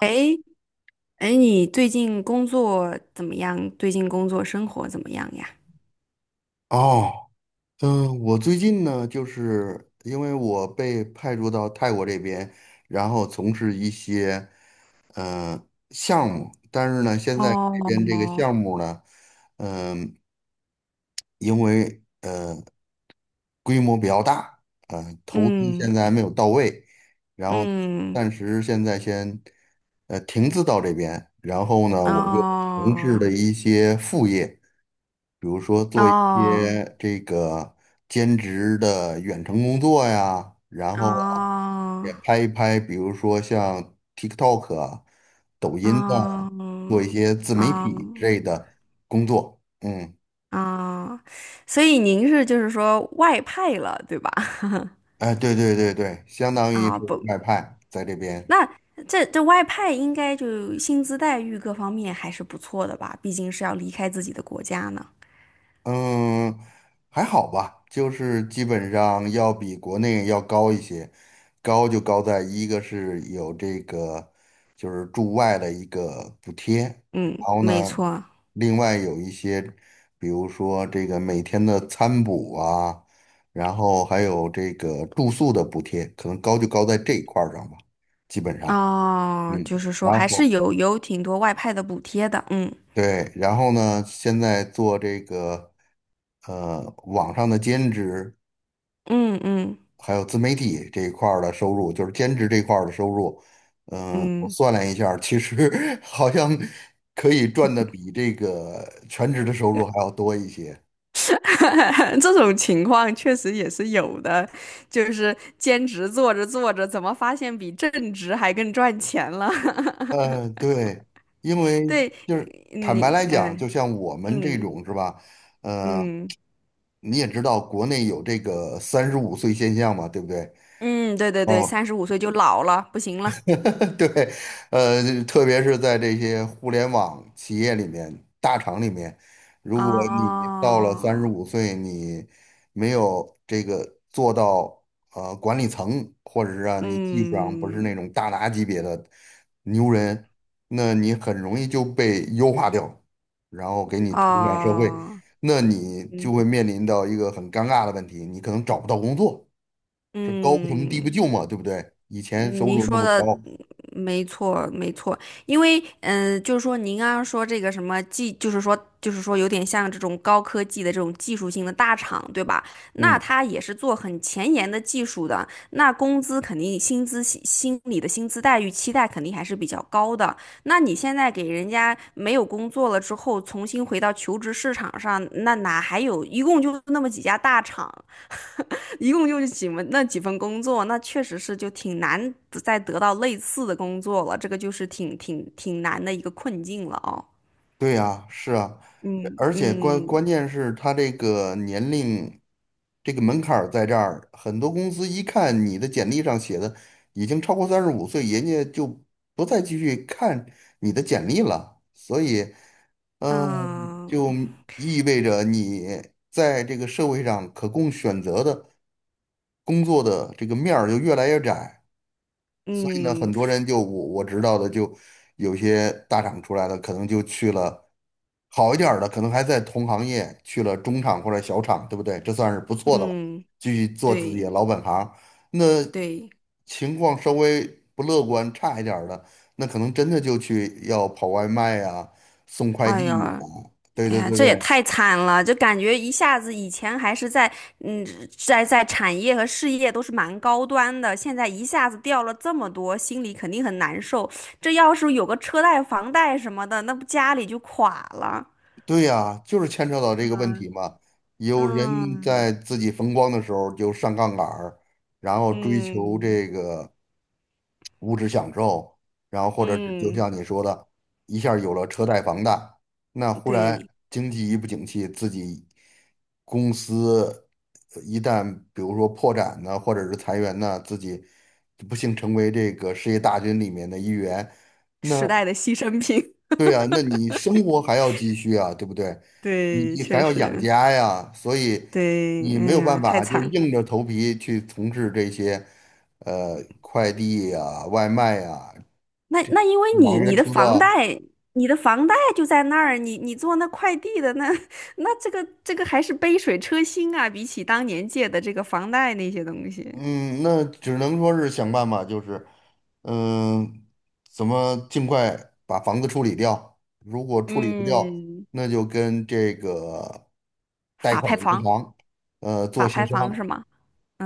哎哎，你最近工作怎么样？最近工作生活怎么样呀？哦，我最近呢，就是因为我被派驻到泰国这边，然后从事一些呃项目，但是呢，现在哦。这边这个项目呢，嗯、因为规模比较大，投资嗯现在还没有到位，然后嗯。暂时现在先停滞到这边，然后呢，我就从事哦了一些副业。比如说做一哦些这个兼职的远程工作呀，然哦后啊也拍一拍，比如说像 TikTok 啊抖音呐，哦做一些自媒体之哦类的工作。嗯，哦。所以您是就是说外派了，对吧？哎，对对对对，相 当于啊是不，外派在这边。那这外派应该就薪资待遇各方面还是不错的吧？毕竟是要离开自己的国家呢。嗯，还好吧，就是基本上要比国内要高一些，高就高在一个是有这个就是驻外的一个补贴，然嗯，后没呢，错。另外有一些，比如说这个每天的餐补啊，然后还有这个住宿的补贴，可能高就高在这一块儿上吧，基本上，哦，嗯，就是说还然是后有挺多外派的补贴的。嗯。对，然后呢，现在做这个。网上的兼职，嗯嗯还有自媒体这一块儿的收入，就是兼职这一块儿的收入，嗯，我嗯。算了一下儿其实 好像可以赚的比这个全职的收入还要多一些。这种情况确实也是有的，就是兼职做着做着，怎么发现比正职还更赚钱了？嗯，对，因为 对。就是坦白你来讲，嗯就像我们这嗯种是吧？呃，嗯你也知道国内有这个三十五岁现象嘛，对不对？嗯。对对对，哦，三十五岁就老了，不行了。对，特别是在这些互联网企业里面、大厂里面，如果你到了三十哦。五岁，你没有这个做到管理层，或者是啊你技术上不是那嗯。种大拿级别的牛人，那你很容易就被优化掉，然后给你推向社会，哦。那你就嗯会面临到一个很尴尬的问题，你可能找不到工作，是高不成低不嗯。就嘛，对不对？以前收嗯您入那说么的嗯高。没错，没错。因为就是说您刚刚说这个什么技，就是说有点像这种高科技的这种技术性的大厂，对吧？那嗯。他也是做很前沿的技术的，那工资肯定薪资心里的薪资待遇期待肯定还是比较高的。那你现在给人家没有工作了之后，重新回到求职市场上，那哪还有？一共就那么几家大厂。一共就是几份那几份工作，那确实是就挺难再得到类似的工作了，这个就是挺难的一个困境了哦。对呀，是啊，嗯而且关嗯关键是他这个年龄，这个门槛儿在这儿，很多公司一看你的简历上写的已经超过三十五岁，人家就不再继续看你的简历了。所以，嗯，就嗯意味着你在这个社会上可供选择的工作的这个面儿就越来越窄。所以呢，嗯很多人就我知道的，就有些大厂出来的，可能就去了好一点儿的，可能还在同行业去了中厂或者小厂，对不对？这算是不错的了，嗯。继续做自己对的老本行。那对。情况稍微不乐观、差一点儿的，那可能真的就去要跑外卖啊、送快哎递呀。啊，对哎对呀，对这也对，太惨了，就感觉一下子以前还是嗯，在产业和事业都是蛮高端的，现在一下子掉了这么多，心里肯定很难受。这要是有个车贷、房贷什么的，那不家里就垮了。对呀，就是牵扯到这个问嗯题嘛。有人嗯。在自己风光的时候就上杠杆儿，然后追求嗯这个物质享受，然后或者是就嗯。像你说的，一下儿有了车贷、房贷，那忽然对。经济一不景气，自己公司一旦比如说破产呢，或者是裁员呢，自己不幸成为这个失业大军里面的一员。那。时代的牺牲品。对啊，那你生活还要继续啊，对不对？你对，你还确要养实。家呀，所以对，你没哎有办呀，太法，就惨是了。硬着头皮去从事这些，快递呀、外卖呀、那因为网你约你的车房啊，贷，你的房贷就在那儿，你做那快递的那 那这个还是杯水车薪啊，比起当年借的这个房贷那些东西。嗯，那只能说是想办法，就是，嗯、怎么尽快把房子处理掉？如果处理不掉，嗯。那就跟这个贷法款拍银房。行，做法协拍房是商吗？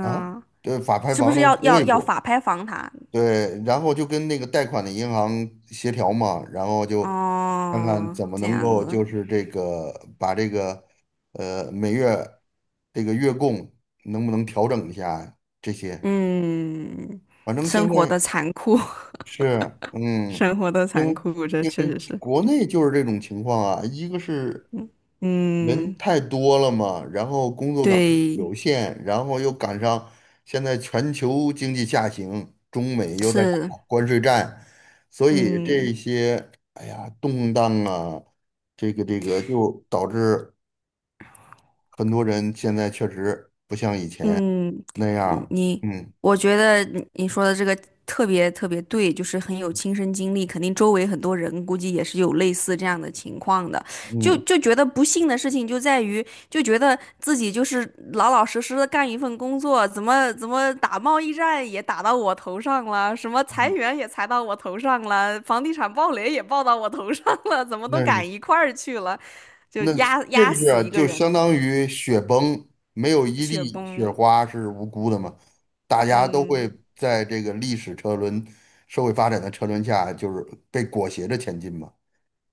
啊，这法拍是不房是那是要最后要一要步。法拍房它？对，然后就跟那个贷款的银行协调嘛，然后就看看哦，怎么这能样够子。就是这个把这个每月这个月供能不能调整一下这些。嗯。反正生现活在的残酷。是 生活的因残为酷，这因确为实是。国内就是这种情况啊，一个是人嗯。太多了嘛，然后工作岗对。有限，然后又赶上现在全球经济下行，中美又在打是。关税战，所以嗯。这些哎呀动荡啊，这个就导致很多人现在确实嗯。那样嗯儿你，嗯我觉得你说的这个特别特别对，就是很有亲身经历，肯定周围很多人估计也是有类似这样的情况的，就嗯就觉得不幸的事情就在于，就觉得自己就是老老实实的干一份工作，怎么打贸易战也打到我头上了，什么裁嗯，员也裁到我头上了，房地产暴雷也暴到我头上了，怎么都那是赶一块儿去了，就那压这压是死啊一个就相人。当于雪崩，没有一雪粒雪崩。花是无辜的嘛，大家都嗯。会在这个历史车轮、社会发展的车轮下，就是被裹挟着前进嘛。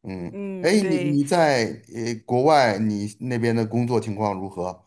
嗯，嗯。哎，你对你在国外，你那边的工作情况如何？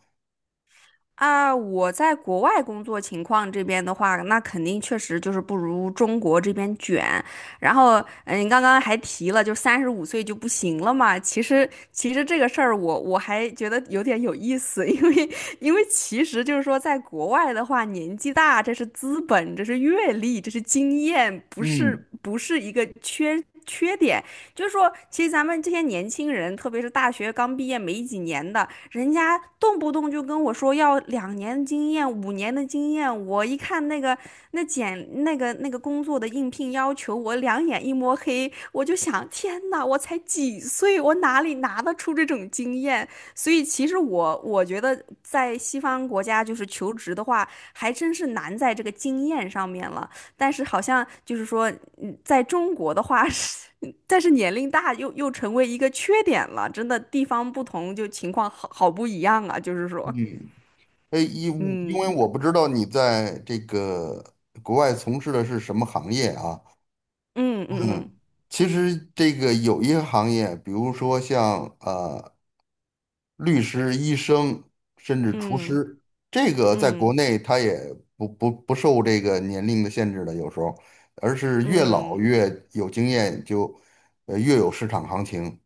啊，我在国外工作情况这边的话，那肯定确实就是不如中国这边卷。然后，嗯，刚刚还提了，就三十五岁就不行了嘛。其实，这个事儿我还觉得有点有意思。因为其实就是说，在国外的话，年纪大这是资本，这是阅历，这是经验，不嗯是不是一个缺点。就是说，其实咱们这些年轻人，特别是大学刚毕业没几年的，人家动不动就跟我说要2年的经验、5年的经验。我一看那个那简那个那个工作的应聘要求，我两眼一摸黑，我就想，天呐，我才几岁，我哪里拿得出这种经验？所以其实我觉得在西方国家，就是求职的话，还真是难在这个经验上面了。但是好像就是说，嗯在中国的话是，但是年龄大又成为一个缺点了，真的地方不同就情况好不一样啊，就是说。嗯，哎，因为嗯我不知道你在这个国外从事的是什么行业啊？嗯嗯嗯，嗯其实这个有一些行业，比如说像律师、医生，甚至厨嗯师，这嗯个在嗯。嗯国嗯内他也不受这个年龄的限制的，有时候，而是越老嗯越有经验就，越有市场行情。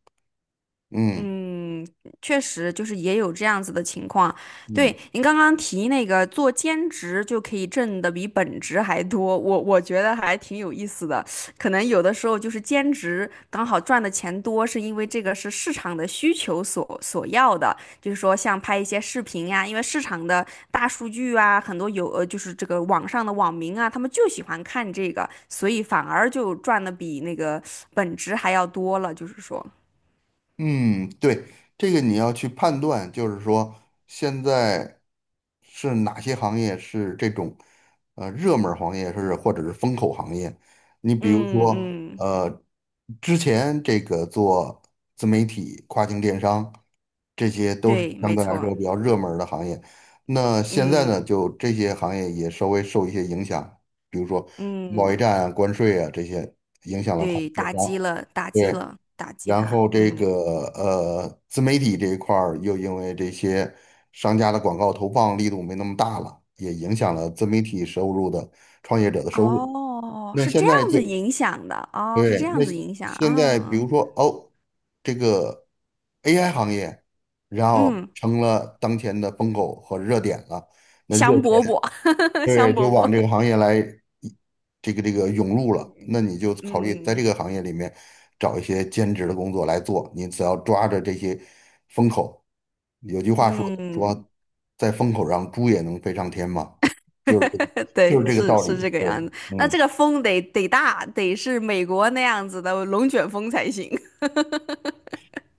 嗯嗯。确实就是也有这样子的情况。对，嗯。您刚刚提那个做兼职就可以挣的比本职还多，我觉得还挺有意思的。可能有的时候就是兼职刚好赚的钱多，是因为这个是市场的需求所要的，就是说像拍一些视频呀、因为市场的大数据啊，很多有就是这个网上的网民啊，他们就喜欢看这个，所以反而就赚的比那个本职还要多了，就是说。嗯，对，这个你要去判断，就是说现在是哪些行业是这种热门儿行业，是或者是风口行业。你比如嗯说，嗯。之前这个做自媒体、跨境电商，这些都是对，相没对来错。说比较热门儿的行业。那现在呢，嗯就这些行业也稍微受一些影响，比如说贸易嗯。战啊、关税啊这些影响了跨对，境电打击商。了，打击对，了，打击然他。后这嗯。个自媒体这一块儿又因为这些商家的广告投放力度没那么大了，也影响了自媒体收入的创业者的收入。哦，那是这现样在就子影响的。哦，是对，这那样子影响现在比啊。如说哦，这个 AI 行业，然后嗯。成了当前的风口和热点了。那热香饽钱。饽。对，香就饽饽。往这个行业来，这个涌入了，那你就考虑在嗯这个行业里面找一些兼职的工作来做。你只要抓着这些风口，有句话说嗯。说，在风口上猪也能飞上天嘛，就是这个，就对，是这个是道是理。这个对，样子。那这嗯，个风得大，得是美国那样子的龙卷风才行。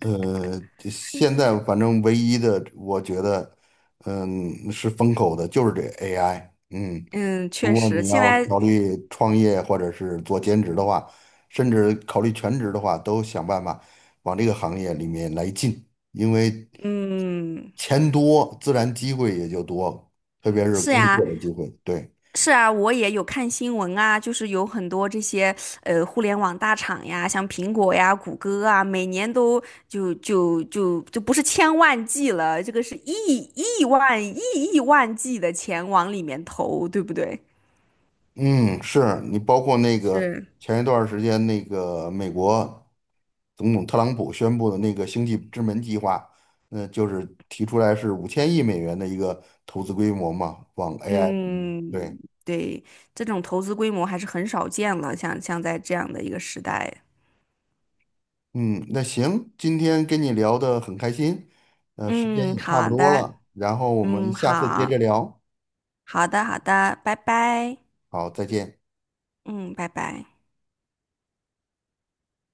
这现在反正唯一的，我觉得，嗯，是风口的，就是这 AI。嗯。嗯，如确果实，你现要在。考虑创业或者是做兼职的话，甚至考虑全职的话，都想办法往这个行业里面来进，因为嗯。钱多，自然机会也就多，特别是是工呀。作的机会。对，是啊，我也有看新闻啊，就是有很多这些互联网大厂呀，像苹果呀、谷歌啊，每年都就不是千万计了，这个是亿万亿亿万计的钱往里面投，对不对？嗯，是你包括那个是。前一段儿时间那个美国总统特朗普宣布的那个星际之门计划，那就是提出来是5000亿美元的一个投资规模嘛，往 AI 嗯。对。对。这种投资规模还是很少见了，像在这样的一个时代。嗯，那行，今天跟你聊得很开心，时间嗯，也差不好多的。了，然后我们嗯，下次接着好。聊，好的，好的，拜拜。好，再见。嗯，拜拜。